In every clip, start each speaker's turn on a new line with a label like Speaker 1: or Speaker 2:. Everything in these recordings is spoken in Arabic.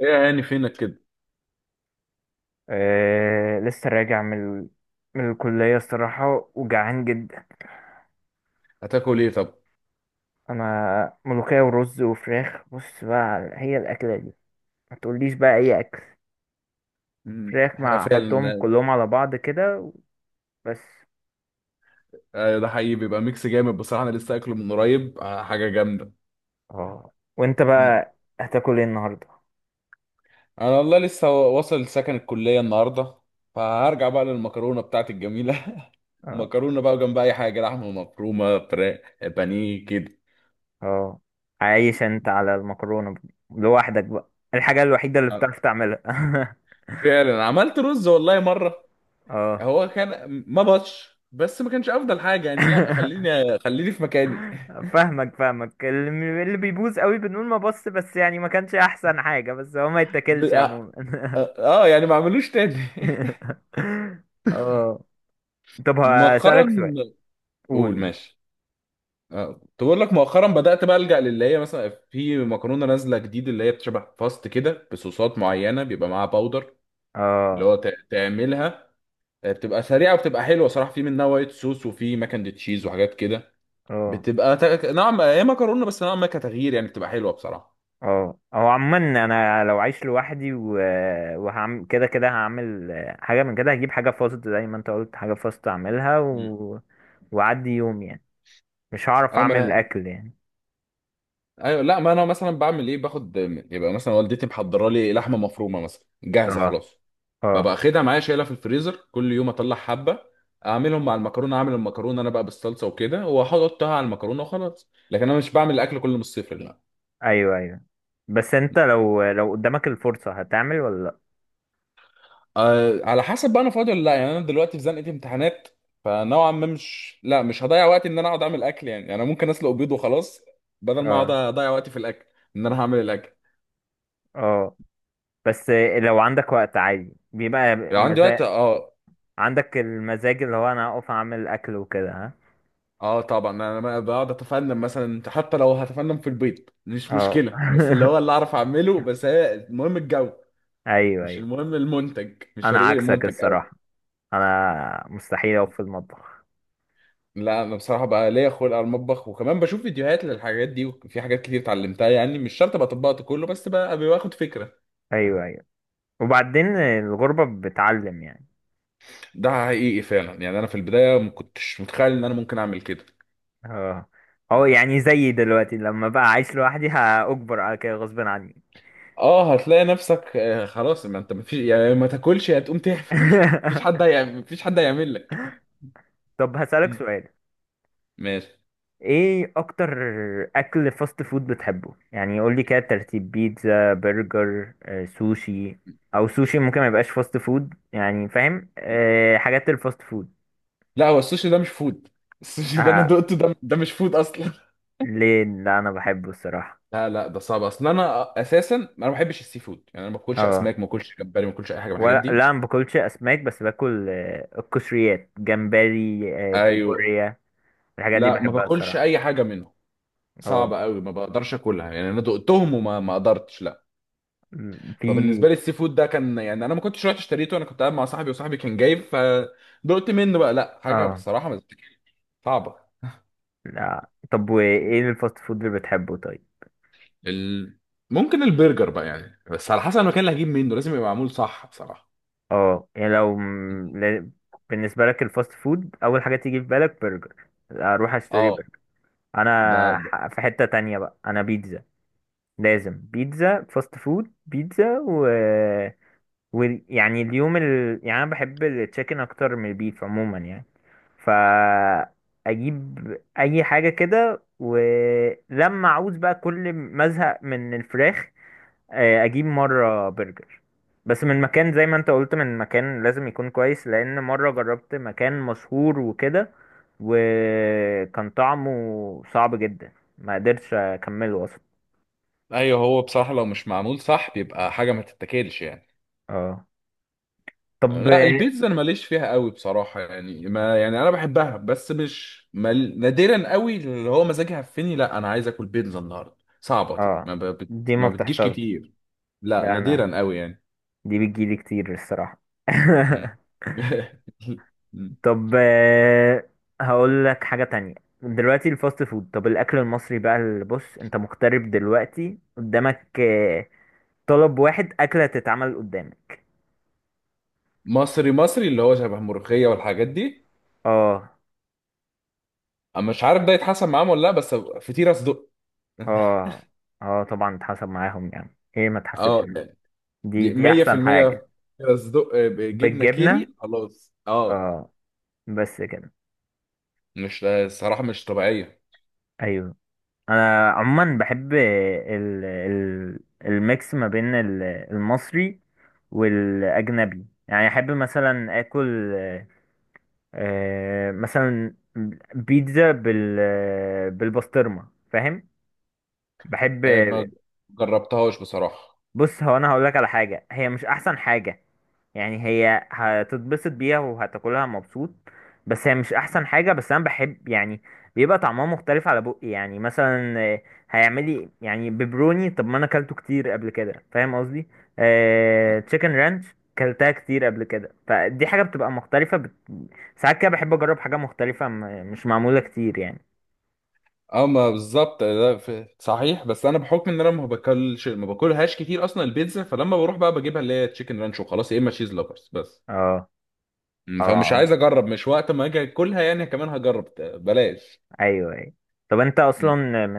Speaker 1: ايه يا عيني، فينك كده؟
Speaker 2: أه، لسه راجع من من الكلية. الصراحة وجعان جدا.
Speaker 1: هتاكل ايه طب؟
Speaker 2: أنا ملوخية ورز وفراخ. بص بقى هي الأكلة دي، ما تقوليش بقى أي أكل.
Speaker 1: مم.
Speaker 2: فراخ مع، أحطهم
Speaker 1: فعلا.
Speaker 2: كلهم على بعض كده، بس.
Speaker 1: ده حقيقي بيبقى ميكس جامد بصراحه، انا لسه اكله من قريب، حاجه جامده.
Speaker 2: اه، وأنت
Speaker 1: مم.
Speaker 2: بقى هتاكل إيه النهاردة؟
Speaker 1: انا والله لسه واصل سكن الكليه النهارده، فهرجع بقى للمكرونه بتاعتي الجميله.
Speaker 2: اه،
Speaker 1: مكرونه بقى جنب اي حاجه، لحمه مفرومه، فراخ، بانيه كده.
Speaker 2: اه، عايش أنت على المكرونة لوحدك بقى؟ الحاجة الوحيدة اللي
Speaker 1: آه،
Speaker 2: بتعرف تعملها.
Speaker 1: فعلا عملت رز والله مره.
Speaker 2: اه.
Speaker 1: هو كان ما بطش، بس ما كانش افضل حاجه يعني. لا، خليني خليني في مكاني.
Speaker 2: فاهمك فاهمك، اللي بيبوظ قوي بنقول ما بص، بس يعني ما كانش احسن حاجة، بس هو ما يتاكلش
Speaker 1: اه.
Speaker 2: عموما.
Speaker 1: آه، آه، يعني ما اعملوش تاني.
Speaker 2: اه، طب
Speaker 1: مؤخرا.
Speaker 2: هسألك سؤال. قول
Speaker 1: قول،
Speaker 2: قول.
Speaker 1: ماشي. اه، تقول لك مؤخرا بدأت بقى ألجأ للي هي مثلا في مكرونة نازلة جديد، اللي هي بتشبه باستا كده بصوصات معينة بيبقى معاها باودر. اللي
Speaker 2: اه،
Speaker 1: هو تعملها. بتبقى سريعة وبتبقى حلوة صراحة. في منها وايت صوص وفي ماكن تشيز وحاجات كده.
Speaker 2: اه،
Speaker 1: بتبقى نوعا ما هي مكرونة، بس نوعا ما كتغيير يعني، بتبقى حلوة بصراحة.
Speaker 2: اه، هو عموما انا لو عايش لوحدي وهعمل كده، كده هعمل حاجة. من كده هجيب حاجة فاست، زي ما انت قلت، حاجة فاست اعملها
Speaker 1: مم.
Speaker 2: وعدي يوم يعني. مش هعرف
Speaker 1: اه،
Speaker 2: اعمل
Speaker 1: ما.
Speaker 2: اكل يعني.
Speaker 1: ايوه، لا، ما انا مثلا بعمل ايه، باخد. يبقى مثلا والدتي محضره لي لحمه مفرومه مثلا، جاهزه
Speaker 2: اه،
Speaker 1: خلاص.
Speaker 2: اه،
Speaker 1: ببقى واخدها معايا، شايلها في الفريزر، كل يوم اطلع حبه. اعملهم مع المكرونه، اعمل المكرونه انا بقى بالصلصه وكده، واحطها على المكرونه وخلاص. لكن انا مش بعمل الاكل كله من الصفر، لا.
Speaker 2: ايوه ايوه، بس انت لو قدامك الفرصة هتعمل ولا لا؟
Speaker 1: أه، على حسب بقى انا فاضي ولا لا، يعني انا دلوقتي في زنقه امتحانات. فنوعا ما مش لا، مش هضيع وقت ان انا اقعد اعمل اكل يعني انا ممكن اسلق بيض وخلاص. بدل ما اقعد
Speaker 2: اه،
Speaker 1: اضيع وقتي في الاكل. ان انا هعمل الاكل.
Speaker 2: اه، بس لو عندك وقت عادي بيبقى
Speaker 1: لو عندي
Speaker 2: مزاج.
Speaker 1: وقت، اه.
Speaker 2: عندك المزاج اللي هو انا اقف اعمل اكل وكده، ها؟
Speaker 1: اه، طبعا انا بقى بقعد اتفنن مثلا، حتى لو هتفنن في البيض مش
Speaker 2: اه،
Speaker 1: مشكله، بس اللي هو اللي اعرف اعمله. بس هي المهم الجو.
Speaker 2: ايوه
Speaker 1: مش
Speaker 2: ايوه،
Speaker 1: المهم المنتج، مش
Speaker 2: انا
Speaker 1: فارق لي
Speaker 2: عكسك
Speaker 1: المنتج
Speaker 2: الصراحة،
Speaker 1: قوي.
Speaker 2: انا مستحيل اقف في المطبخ.
Speaker 1: لا، انا بصراحه بقى ليا خلق على المطبخ، وكمان بشوف فيديوهات للحاجات دي، وفي حاجات كتير اتعلمتها، يعني مش شرط ابقى طبقت كله، بس بقى باخد فكره.
Speaker 2: ايوه ايوه، وبعدين الغربة بتعلم يعني.
Speaker 1: ده حقيقي فعلا، يعني انا في البدايه ما كنتش متخيل ان انا ممكن اعمل كده.
Speaker 2: اه، اه
Speaker 1: مم.
Speaker 2: يعني زيي دلوقتي لما بقى عايش لوحدي هأجبر على كده غصب عني.
Speaker 1: اه، هتلاقي نفسك، خلاص ما انت مفيش يعني، ما تاكلش يا تقوم تعمل. مفيش حد هيعمل لك.
Speaker 2: طب هسألك
Speaker 1: مم.
Speaker 2: سؤال،
Speaker 1: ماشي.
Speaker 2: ايه اكتر اكل فاست فود بتحبه؟ يعني قول لي كده ترتيب: بيتزا، برجر، آه، سوشي. او سوشي ممكن ما يبقاش فاست فود، يعني فاهم؟ أه، حاجات الفاست فود.
Speaker 1: لا، هو السوشي ده مش فود. السوشي ده انا
Speaker 2: آه،
Speaker 1: دقته، ده مش فود اصلا.
Speaker 2: ليه لا، انا بحبه الصراحه.
Speaker 1: لا، لا، ده صعب. اصل انا اساسا ما بحبش السي فود، يعني انا ما باكلش
Speaker 2: اه،
Speaker 1: اسماك، ما باكلش جمبري، ما باكلش اي حاجه من الحاجات
Speaker 2: ولا
Speaker 1: دي.
Speaker 2: لا ما باكلش اسماك، بس باكل، آه، القشريات، جمبري، آه،
Speaker 1: ايوه،
Speaker 2: كابوريا. الحاجات دي
Speaker 1: لا، ما
Speaker 2: بحبها
Speaker 1: باكلش
Speaker 2: الصراحه.
Speaker 1: اي حاجه منهم.
Speaker 2: اه،
Speaker 1: صعب قوي، ما بقدرش اكلها يعني، انا دقتهم وما ما قدرتش، لا.
Speaker 2: في.
Speaker 1: فبالنسبه لي السي فود ده كان، يعني انا ما كنتش رحت اشتريته، انا كنت قاعد مع صاحبي وصاحبي كان جايب، فدقت منه بقى. لا، حاجه
Speaker 2: اه،
Speaker 1: بصراحه ما تتاكلش، صعبه.
Speaker 2: لا، طب وايه الفاست فود اللي بتحبه طيب؟
Speaker 1: ال... ممكن البرجر بقى يعني، بس على حسب المكان اللي هجيب منه، لازم يبقى معمول صح بصراحه.
Speaker 2: اه يعني لو بالنسبة لك الفاست فود أول حاجة تيجي في بالك برجر، أروح أشتري
Speaker 1: اه،
Speaker 2: برجر.
Speaker 1: ده.
Speaker 2: أنا، في حتة تانية بقى، أنا بيتزا، لازم بيتزا. فاست فود بيتزا ويعني اليوم يعني أنا بحب التشيكن أكتر من البيف عموما يعني. فأجيب أي حاجة كده، ولما أعوز بقى، كل ما أزهق من الفراخ، آه، اجيب مره برجر. بس من مكان، زي ما انت قلت، من مكان لازم يكون كويس، لان مره جربت مكان مشهور وكده، وكان طعمه صعب جدا، ما قدرتش اكمله اصلا.
Speaker 1: ايوه، هو بصراحه لو مش معمول صح بيبقى حاجه ما تتاكلش يعني.
Speaker 2: اه، طب.
Speaker 1: لا، البيتزا انا ماليش فيها قوي بصراحه، يعني ما يعني انا بحبها، بس مش مال، نادرا قوي اللي هو مزاجي هفني لا انا عايز اكل بيتزا النهارده، صعبه دي،
Speaker 2: اه،
Speaker 1: ما ب... بت...
Speaker 2: دي ما
Speaker 1: ما بتجيش
Speaker 2: بتحصلش.
Speaker 1: كتير. لا،
Speaker 2: لا
Speaker 1: نادرا
Speaker 2: انا
Speaker 1: قوي يعني.
Speaker 2: دي بتجيلي كتير الصراحه.
Speaker 1: مم.
Speaker 2: طب آه، هقول لك حاجه تانية. دلوقتي الفاست فود، طب الاكل المصري بقى. اللي بص، انت مغترب دلوقتي قدامك، آه، طلب واحد أكلة تتعمل قدامك.
Speaker 1: مصري مصري، اللي هو شبه ملوخيه والحاجات دي.
Speaker 2: اه،
Speaker 1: أنا مش عارف ده يتحسن معاهم ولا لا، بس فطيره صدق.
Speaker 2: اه، اه طبعا اتحسب معاهم، يعني ايه ما تحسبش
Speaker 1: اه،
Speaker 2: معاهم، دي
Speaker 1: دي
Speaker 2: دي أحسن جميل
Speaker 1: 100%.
Speaker 2: حاجة.
Speaker 1: فطيره صدق بجبنه
Speaker 2: بالجبنة.
Speaker 1: كيري خلاص، اه.
Speaker 2: اه، بس كده.
Speaker 1: مش الصراحة مش طبيعية.
Speaker 2: أيوه. أنا عموما بحب ال الميكس ما بين المصري والأجنبي، يعني أحب مثلا آكل، آه، مثلا بيتزا بالبسطرمة، فاهم. بحب.
Speaker 1: آه، ما جربتهاش بصراحة.
Speaker 2: بص هو انا هقول لك على حاجه، هي مش احسن حاجه، يعني هي هتتبسط بيها وهتاكلها مبسوط، بس هي مش احسن حاجة، بس انا بحب يعني بيبقى طعمها مختلف على بقي. يعني مثلا آه، هيعملي يعني بيبروني، طب ما انا اكلته كتير قبل كده، فاهم قصدي. آه تشيكن رانش، كلتها كتير قبل كده، فدي حاجة بتبقى مختلفة ساعات كده بحب اجرب حاجة مختلفة مش معمولة كتير يعني.
Speaker 1: اه، ما بالظبط ده صحيح، بس انا بحكم ان انا ما باكلهاش كتير اصلا البيتزا، فلما بروح بقى بجيبها اللي هي تشيكن رانش وخلاص، يا اما تشيز لوفرز بس.
Speaker 2: اه،
Speaker 1: فمش
Speaker 2: اه،
Speaker 1: عايز اجرب، مش وقت ما اجي اكلها يعني كمان هجرب بلاش.
Speaker 2: ايوه ايوه. طب انت
Speaker 1: م.
Speaker 2: اصلا، من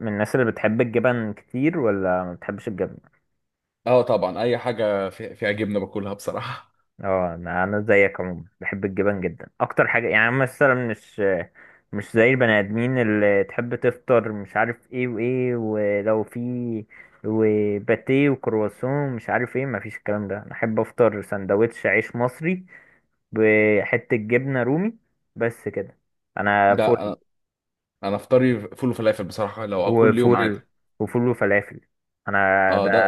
Speaker 2: من الناس اللي بتحب الجبن كتير ولا ما بتحبش الجبن؟
Speaker 1: اه، طبعا اي حاجة فيها جبنة باكلها بصراحة.
Speaker 2: اه، انا، زيك عموما بحب الجبن جدا اكتر حاجه. يعني مثلا مش زي البني ادمين اللي تحب تفطر مش عارف ايه وايه، ولو في وباتيه وكرواسون مش عارف ايه، مفيش الكلام ده. انا احب افطر سندوتش عيش مصري بحته جبنه رومي، بس كده. انا.
Speaker 1: لا، انا افطاري فول وفلافل بصراحة، لو اكل يوم عادي.
Speaker 2: وفول، وفول وفلافل، انا.
Speaker 1: اه،
Speaker 2: ده،
Speaker 1: ده.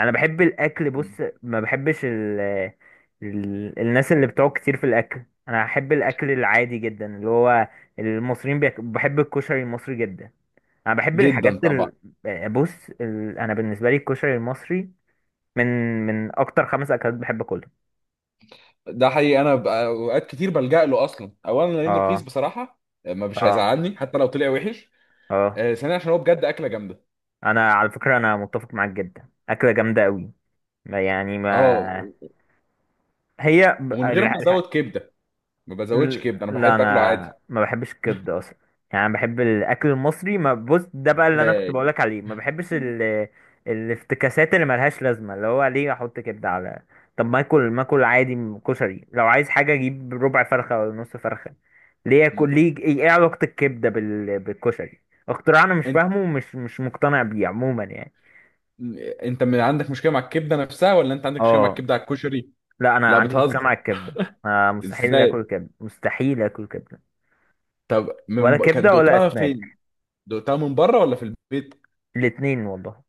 Speaker 2: انا بحب الاكل.
Speaker 1: م.
Speaker 2: بص ما بحبش الناس اللي بتقعد كتير في الاكل، انا احب الاكل العادي جدا. اللي هو المصريين بحب الكشري المصري جدا. انا بحب
Speaker 1: جدا
Speaker 2: الحاجات
Speaker 1: طبعا.
Speaker 2: بص انا بالنسبه لي الكشري المصري من من اكتر خمس اكلات بحب اكلهم.
Speaker 1: ده حقيقي. انا اوقات كتير بلجأ له اصلا، اولا لانه رخيص
Speaker 2: اه،
Speaker 1: بصراحه. ما مش
Speaker 2: اه،
Speaker 1: هيزعلني حتى لو طلع وحش.
Speaker 2: اه
Speaker 1: ثانيا عشان هو بجد اكله جامده.
Speaker 2: انا على فكره انا متفق معاك جدا، اكله جامده قوي. يعني
Speaker 1: اه،
Speaker 2: ما هي،
Speaker 1: ومن غير ما ازود كبده. ما بزودش كبده، انا
Speaker 2: لا
Speaker 1: بحب اكله عادي.
Speaker 2: انا ما بحبش الكبده اصلا، يعني انا بحب الاكل المصري. ما بص، ده بقى اللي انا كنت
Speaker 1: ازاي؟
Speaker 2: بقولك عليه، ما بحبش الافتكاسات اللي ملهاش لازمه. اللي هو ليه احط كبده على، طب ما اكل، ما اكل عادي، كشري. لو عايز حاجه اجيب ربع فرخه ولا نص فرخه، ليه
Speaker 1: م.
Speaker 2: اكل، ليه ايه، إيه علاقه الكبده بالكشري؟ اختراع انا مش
Speaker 1: انت
Speaker 2: فاهمه ومش مش مقتنع بيه عموما يعني.
Speaker 1: م- انت من عندك مشكله مع الكبده نفسها، ولا انت عندك مشكله مع
Speaker 2: اه،
Speaker 1: الكبده على الكشري؟
Speaker 2: لا انا
Speaker 1: لا،
Speaker 2: عندي مشكله
Speaker 1: بتهزر.
Speaker 2: مع الكبده. آه مستحيل
Speaker 1: ازاي؟
Speaker 2: اكل كبده، مستحيل اكل كبده.
Speaker 1: طب
Speaker 2: ولا
Speaker 1: كان
Speaker 2: كبده ولا
Speaker 1: دقتها
Speaker 2: اسماك.
Speaker 1: فين؟ دقتها من بره ولا في البيت؟
Speaker 2: الاتنين والله.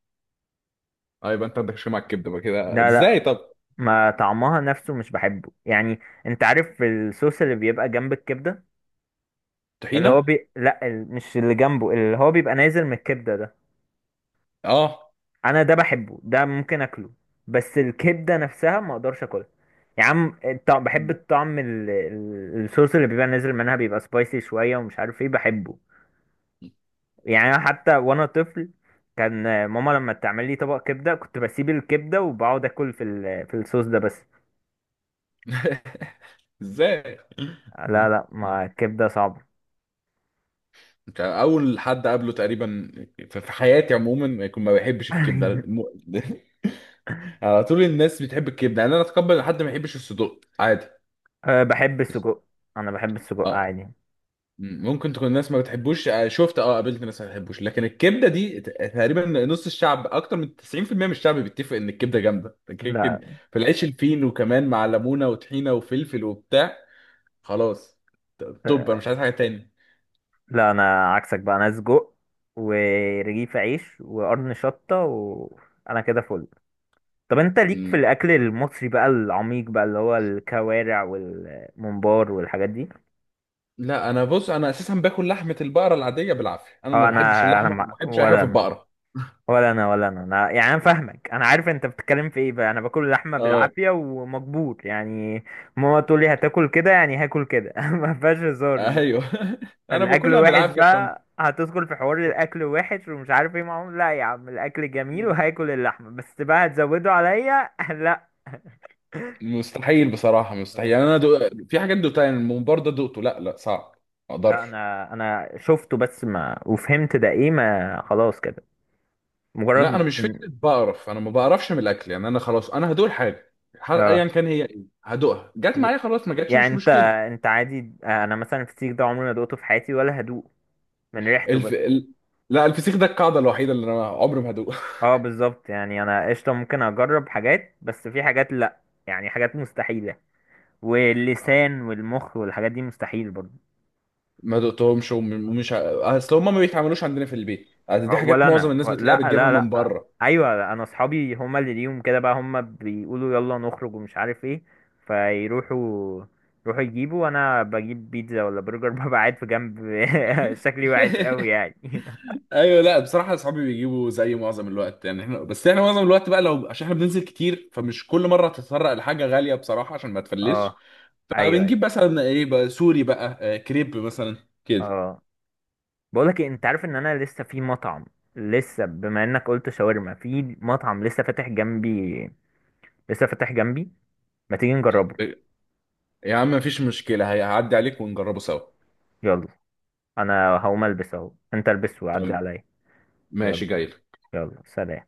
Speaker 1: اه، يبقى انت عندك مشكله مع الكبده بقى كده،
Speaker 2: لا
Speaker 1: ازاي
Speaker 2: لا،
Speaker 1: طب؟
Speaker 2: ما طعمها نفسه مش بحبه يعني. انت عارف الصوص اللي بيبقى جنب الكبدة، اللي هو
Speaker 1: طحينه.
Speaker 2: لا مش اللي جنبه، اللي هو بيبقى نازل من الكبدة ده،
Speaker 1: اه،
Speaker 2: انا ده بحبه، ده ممكن اكله، بس الكبدة نفسها ما اقدرش اكلها. يا عم الطعم، بحب الطعم الصوص اللي بيبقى نازل منها، بيبقى سبايسي شوية ومش عارف ايه، بحبه. يعني أنا حتى وانا طفل كان ماما لما تعمل لي طبق كبدة كنت بسيب الكبدة وبقعد اكل في في الصوص ده بس.
Speaker 1: ازاي؟
Speaker 2: لا لا، ما الكبدة صعبة.
Speaker 1: كان اول حد قابله تقريبا في حياتي عموما يكون ما بيحبش الكبده على طول الناس بتحب الكبده، يعني انا اتقبل إن حد ما يحبش الصدوق، عادي.
Speaker 2: أه، بحب السجق، انا بحب السجق
Speaker 1: اه،
Speaker 2: عادي.
Speaker 1: ممكن تكون الناس ما بتحبوش، شفت اه، قابلت ناس ما بتحبوش، لكن الكبده دي تقريبا نص الشعب، اكتر من 90% من الشعب بيتفق ان الكبده جامده كده كده.
Speaker 2: لا،
Speaker 1: في العيش الفين، وكمان مع ليمونه وطحينه وفلفل وبتاع. خلاص. توب، انا
Speaker 2: أه
Speaker 1: مش عايز حاجه تاني.
Speaker 2: لا انا عكسك بقى، انا سجق ورغيف عيش وقرن شطة وانا كده فل. طب انت ليك في الاكل المصري بقى العميق بقى، اللي هو الكوارع والممبار والحاجات دي؟
Speaker 1: لا، انا بص، انا اساسا باكل لحمه البقره العاديه بالعافيه، انا ما
Speaker 2: اه، انا،
Speaker 1: بحبش
Speaker 2: انا
Speaker 1: اللحمه وما
Speaker 2: مع...
Speaker 1: بحبش اي حاجه
Speaker 2: ولا
Speaker 1: في
Speaker 2: انا
Speaker 1: البقره.
Speaker 2: ولا انا يعني، انا فاهمك، انا عارف انت بتتكلم في ايه. بقى انا باكل لحمه
Speaker 1: اه.
Speaker 2: بالعافيه ومجبور يعني. ماما تقول لي هتاكل كده، يعني هاكل كده، ما فيهاش هزار دي.
Speaker 1: ايوه، انا
Speaker 2: الاكل
Speaker 1: باكلها
Speaker 2: وحش
Speaker 1: بالعافيه
Speaker 2: بقى، هتدخل في حوار الاكل وحش ومش عارف ايه معاهم، لا يا عم الاكل جميل وهاكل اللحمه، بس بقى هتزودوا عليا، لا.
Speaker 1: مستحيل بصراحه، مستحيل
Speaker 2: اه،
Speaker 1: يعني، انا في حاجات دوقتها، يعني الممبار ده دوقته، لا، لا، صعب. ما اقدرش.
Speaker 2: لا انا، انا شفته بس ما، وفهمت ده ايه، ما خلاص كده،
Speaker 1: لا،
Speaker 2: مجرد
Speaker 1: انا مش فكره بقرف، انا ما بقرفش من الاكل يعني، انا خلاص، انا هدوق الحاجه،
Speaker 2: اه
Speaker 1: ايا كان هي ايه هدوقها، جت
Speaker 2: ي-
Speaker 1: معايا خلاص، ما جاتش
Speaker 2: يعني
Speaker 1: مش
Speaker 2: انت،
Speaker 1: مشكله.
Speaker 2: انت عادي. انا مثلا الفسيخ ده عمري ما دقته في حياتي ولا هدوق، من ريحته بس.
Speaker 1: الف... ال... لا، الفسيخ ده القاعده الوحيده اللي انا عمري ما هدوق.
Speaker 2: اه بالظبط، يعني انا قشطه ممكن اجرب حاجات، بس في حاجات لا، يعني حاجات مستحيله. واللسان والمخ والحاجات دي مستحيل برضه.
Speaker 1: ما دقتهمش ومش اصل هم ما بيتعملوش عندنا في البيت، أصل دي حاجات
Speaker 2: ولا
Speaker 1: معظم
Speaker 2: انا،
Speaker 1: الناس
Speaker 2: و-
Speaker 1: بتلاقيها
Speaker 2: لا
Speaker 1: بتجيبها
Speaker 2: لا
Speaker 1: من
Speaker 2: لا
Speaker 1: بره.
Speaker 2: ايوه انا اصحابي هما اللي ليهم كده بقى، هما بيقولوا يلا نخرج ومش عارف ايه، فيروحوا يروحوا يجيبوا، وانا بجيب بيتزا ولا برجر، ببقى قاعد في جنب. شكلي وحش قوي يعني.
Speaker 1: ايوه، لا، بصراحه اصحابي بيجيبوا زي معظم الوقت يعني، احنا بس احنا معظم الوقت بقى لو عشان احنا بننزل كتير، فمش كل مره تتطرق لحاجه غاليه بصراحه عشان ما تفلش.
Speaker 2: اه، ايوه ايوه.
Speaker 1: فبنجيب مثلا ايه بقى، سوري بقى كريب مثلا. كده.
Speaker 2: اه بقولك إيه، انت عارف ان انا لسه في مطعم، لسه بما انك قلت شاورما، في مطعم لسه فاتح جنبي، لسه فاتح جنبي، ما تيجي نجربه؟
Speaker 1: يا عم، مفيش مشكله، هيعدي عليك ونجربه سوا.
Speaker 2: يلا، انا هقوم البس اهو، انت البس وعدي
Speaker 1: تمام.
Speaker 2: عليا. يلا،
Speaker 1: ماشي، جاي.
Speaker 2: يلا سلام.